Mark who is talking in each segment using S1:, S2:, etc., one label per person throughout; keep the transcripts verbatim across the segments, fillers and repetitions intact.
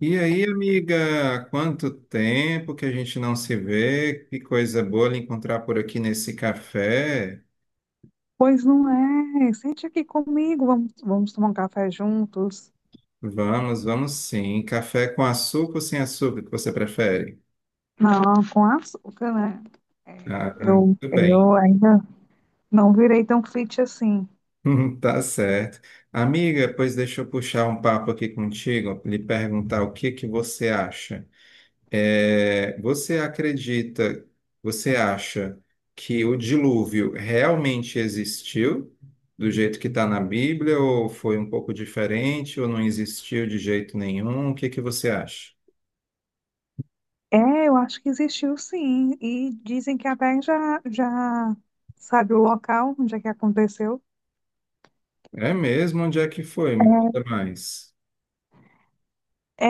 S1: E aí, amiga, quanto tempo que a gente não se vê? Que coisa boa lhe encontrar por aqui nesse café.
S2: Pois não é. Sente aqui comigo, vamos, vamos tomar um café juntos.
S1: Vamos, vamos sim. Café com açúcar ou sem açúcar, que você prefere?
S2: Não, com açúcar, né?
S1: Ah,
S2: É, eu,
S1: tudo bem.
S2: eu ainda não virei tão fit assim.
S1: Tá certo. Amiga, pois deixa eu puxar um papo aqui contigo, lhe perguntar o que que você acha. É, você acredita, Você acha que o dilúvio realmente existiu do jeito que está na Bíblia, ou foi um pouco diferente, ou não existiu de jeito nenhum? O que que você acha?
S2: É, eu acho que existiu sim. E dizem que até já, já sabe o local onde é que aconteceu.
S1: É mesmo? Onde é que foi? Me conta mais.
S2: É,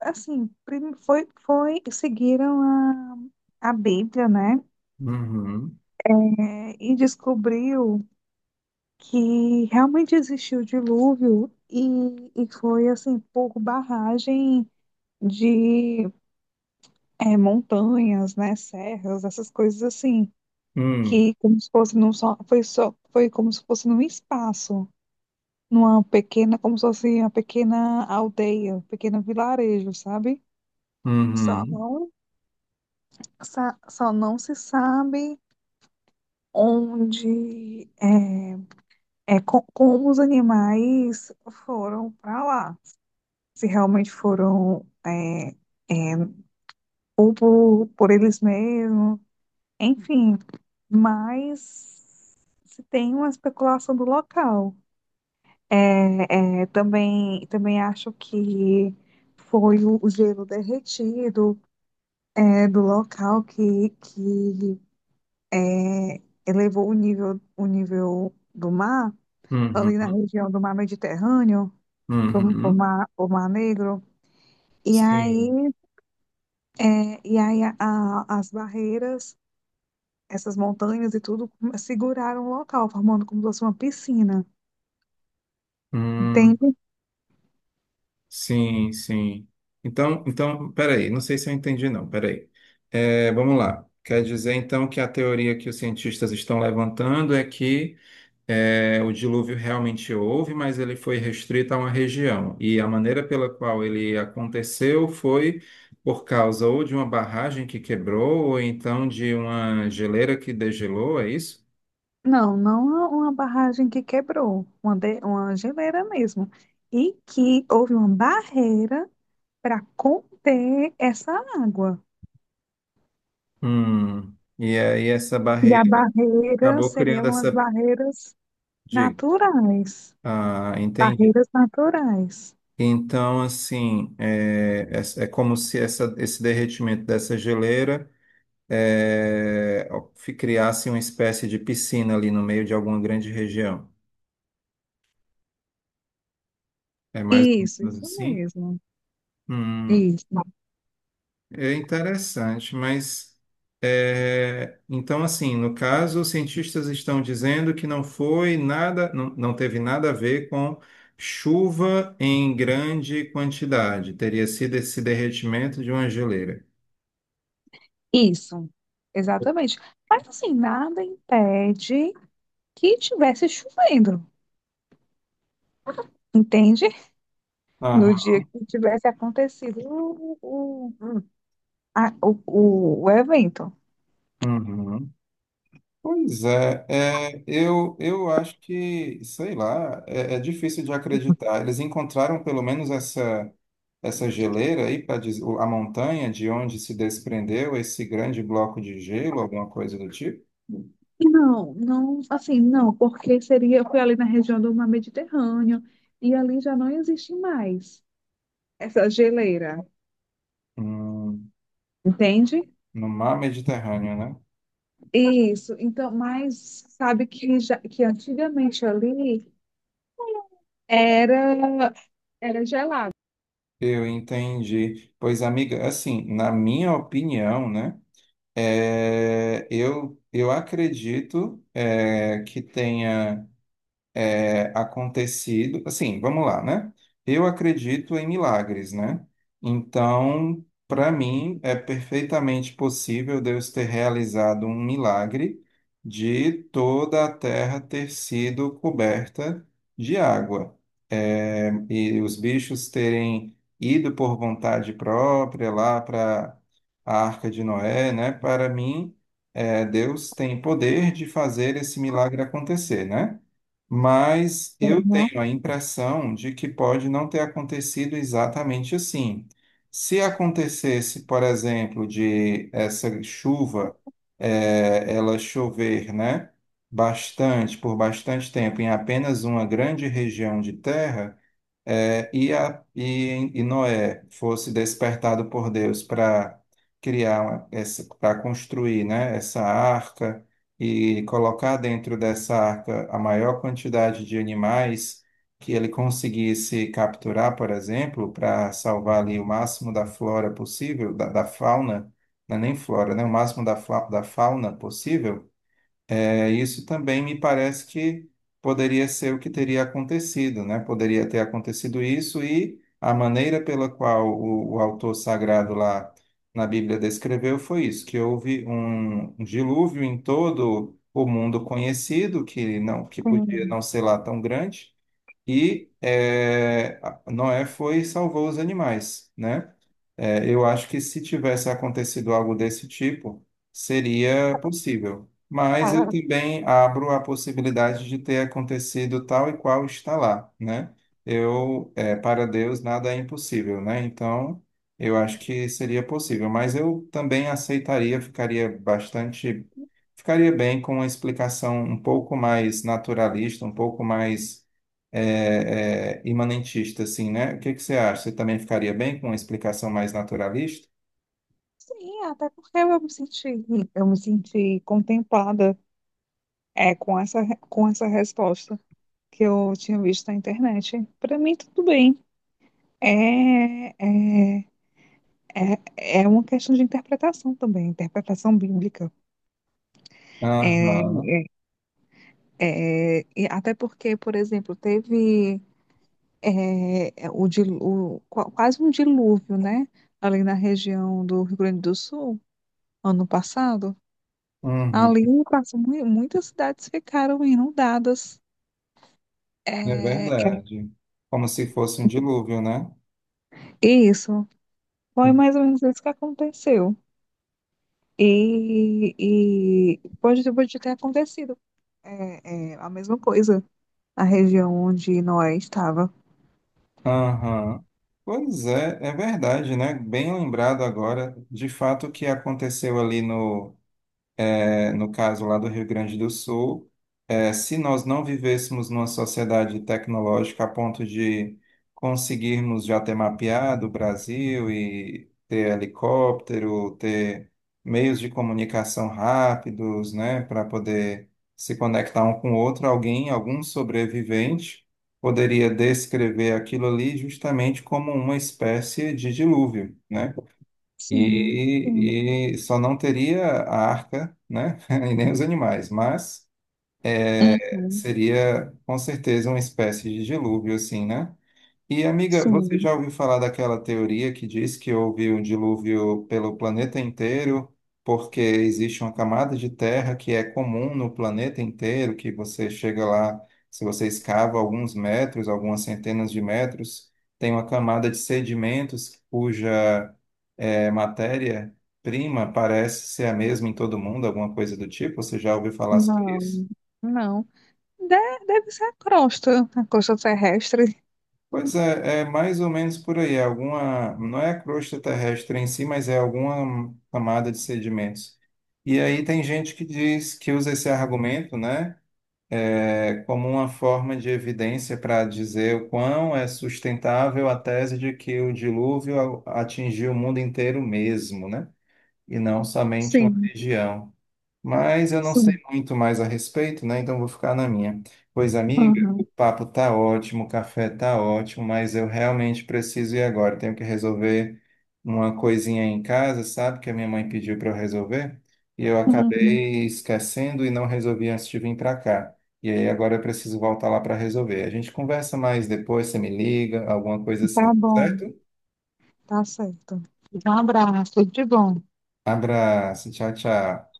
S2: assim, prim- foi, foi, seguiram a, a Bíblia, né?
S1: Uhum.
S2: É, e descobriu que realmente existiu dilúvio e, e foi assim por barragem de é, montanhas, né, serras, essas coisas assim,
S1: Hum.
S2: que como se fosse num só, foi só, foi como se fosse num espaço, numa pequena, como se fosse uma pequena aldeia, um pequeno vilarejo, sabe? Só
S1: Uhum.
S2: não, sa- só não se sabe onde é, é co- como os animais foram para lá, se realmente foram é, é, ou por, por eles mesmos, enfim, mas se tem uma especulação do local. É, é, também, também acho que foi o o gelo derretido é, do local que, que é, elevou o nível, o nível do mar,
S1: Uhum.
S2: ali na região do mar Mediterrâneo, para o
S1: Uhum.
S2: mar, pro mar Negro. E
S1: Sim.
S2: aí, é, e aí a- a- as barreiras, essas montanhas e tudo, hum, seguraram o local, formando como se fosse uma piscina.
S1: Hum.
S2: Entende?
S1: Sim, sim. Então, então, peraí, não sei se eu entendi, não, peraí. É, vamos lá. Quer dizer, então, que a teoria que os cientistas estão levantando é que é, o dilúvio realmente houve, mas ele foi restrito a uma região. E a maneira pela qual ele aconteceu foi por causa ou de uma barragem que quebrou, ou então de uma geleira que degelou, é isso?
S2: Não, não uma uma barragem que quebrou, uma, de- uma geleira mesmo. E que houve uma barreira para conter essa água.
S1: Hum. E aí essa
S2: E a
S1: barreira
S2: barreira
S1: acabou criando
S2: seriam as
S1: essa.
S2: barreiras
S1: Diga.
S2: naturais.
S1: Ah, entendi.
S2: Barreiras naturais.
S1: Então, assim, é, é, é como se essa- esse derretimento dessa geleira é, fi- criasse uma espécie de piscina ali no meio de alguma grande região. É mais ou
S2: Isso,
S1: menos
S2: isso
S1: assim?
S2: mesmo.
S1: Hum,
S2: Isso,
S1: é interessante, mas é, então, assim, no caso, os cientistas estão dizendo que não foi nada, não, não teve nada a ver com chuva em grande quantidade, teria sido esse derretimento de uma geleira.
S2: isso. Exatamente. Mas assim, nada impede que tivesse chovendo, entende? No
S1: Aham.
S2: dia que tivesse acontecido o, o, a- o, o- o evento.
S1: Uhum. Pois é, é, eu, eu acho que, sei lá, é, é difícil de acreditar. Eles encontraram pelo menos essa, essa geleira aí, para a montanha de onde se desprendeu esse grande bloco de gelo, alguma coisa do tipo,
S2: Não, não, assim, não, porque seria, foi ali na região do Mar Mediterrâneo e ali já não existe mais essa geleira,
S1: Hum,
S2: entende?
S1: no mar Mediterrâneo, né?
S2: Isso, então, mas sabe que, já, que antigamente ali era, era gelado.
S1: Eu entendi. Pois, amiga, assim, na minha opinião, né, é, eu, eu acredito é, que tenha. É, acontecido. Assim, vamos lá, né? Eu acredito em milagres, né? Então, para mim, é perfeitamente possível Deus ter realizado um milagre de toda a terra ter sido coberta de água. É, e os bichos terem ido por vontade própria lá para a Arca de Noé, né? Para mim, é, Deus tem poder de fazer esse milagre acontecer, né? Mas eu
S2: Uhum,
S1: tenho a impressão de que pode não ter acontecido exatamente assim. Se acontecesse, por exemplo, de essa chuva, eh, ela chover, né, bastante, por bastante tempo, em apenas uma grande região de terra, é, e, a, e, e Noé fosse despertado por Deus para criar uma- essa, para construir, né, essa arca e colocar dentro dessa arca a maior quantidade de animais que ele conseguisse capturar, por exemplo, para salvar ali o máximo da flora possível, da, da fauna, não é nem flora, né, o máximo da, fa- da fauna possível é, isso também me parece que poderia ser o que teria acontecido, né? Poderia ter acontecido isso e a maneira pela qual o, o autor sagrado lá na Bíblia descreveu foi isso, que houve um um dilúvio em todo o mundo conhecido, que não, que podia
S2: sim.
S1: não ser lá tão grande, e é, Noé foi e salvou os animais, né? É, eu acho que se tivesse acontecido algo desse tipo, seria possível. Mas eu
S2: Ah,
S1: também abro a possibilidade de ter acontecido tal e qual está lá, né? Eu, é, para Deus, nada é impossível, né? Então, eu acho que seria possível. Mas eu também aceitaria, ficaria bastante, ficaria bem com uma explicação um pouco mais naturalista, um pouco mais é, é, imanentista, assim, né? O que que você acha? Você também ficaria bem com uma explicação mais naturalista?
S2: sim, até porque eu me senti, eu me senti contemplada É com essa, com essa resposta que eu tinha visto na internet. Para mim, tudo bem. É, é, é, é uma questão de interpretação também, interpretação bíblica. É,
S1: Aham.
S2: é, e até porque, por exemplo, teve é, é, o, dilu- o- qua- quase um dilúvio, né? Ali na região do Rio Grande do Sul, ano passado.
S1: Uhum.
S2: Ali, quase mu- muitas cidades ficaram inundadas.
S1: É
S2: É, é
S1: verdade. Como se fosse um dilúvio, né?
S2: isso, foi mais ou menos isso que aconteceu. E, e pode, pode ter acontecido é, é, a mesma coisa na região onde Noé estava.
S1: Aham. Pois é, é verdade, né? Bem lembrado agora, de fato, o que aconteceu ali no. é, no caso lá do Rio Grande do Sul, é, se nós não vivêssemos numa sociedade tecnológica a ponto de conseguirmos já ter mapeado o Brasil e ter helicóptero, ter meios de comunicação rápidos, né, para poder se conectar um com o outro, alguém, algum sobrevivente, poderia descrever aquilo ali justamente como uma espécie de dilúvio, né?
S2: Sim, sim,
S1: E, e só não teria a arca, né? E nem os animais, mas
S2: uhum,
S1: seria com certeza uma espécie de dilúvio, assim, né? E amiga, você
S2: sim,
S1: já ouviu falar daquela teoria que diz que houve um dilúvio pelo planeta inteiro, porque existe uma camada de terra que é comum no planeta inteiro, que você chega lá, se você escava alguns metros, algumas centenas de metros, tem uma camada de sedimentos cuja é, matéria-prima parece ser a mesma em todo mundo, alguma coisa do tipo? Você já ouviu falar sobre
S2: não,
S1: isso?
S2: não. De- deve ser a crosta, a crosta terrestre.
S1: Pois é, é mais ou menos por aí. É alguma, não é a crosta terrestre em si, mas é alguma camada de sedimentos. E aí tem gente que diz que usa esse argumento, né, é, como uma forma de evidência para dizer o quão é sustentável a tese de que o dilúvio a- atingiu o mundo inteiro mesmo, né, e não somente uma
S2: Sim,
S1: região. Mas eu não sei
S2: sim,
S1: muito mais a respeito, né? Então vou ficar na minha. Pois, amiga, o
S2: uhum,
S1: papo tá ótimo, o café tá ótimo, mas eu realmente preciso ir agora. Tenho que resolver uma coisinha em casa, sabe? Que a minha mãe pediu para eu resolver. E eu
S2: uhum.
S1: acabei esquecendo e não resolvi antes de vir para cá. E aí agora eu preciso voltar lá para resolver. A gente conversa mais depois, você me liga, alguma coisa
S2: Tá
S1: assim,
S2: bom,
S1: certo?
S2: tá certo. Um abraço, tudo de bom.
S1: Abraço, tchau, tchau.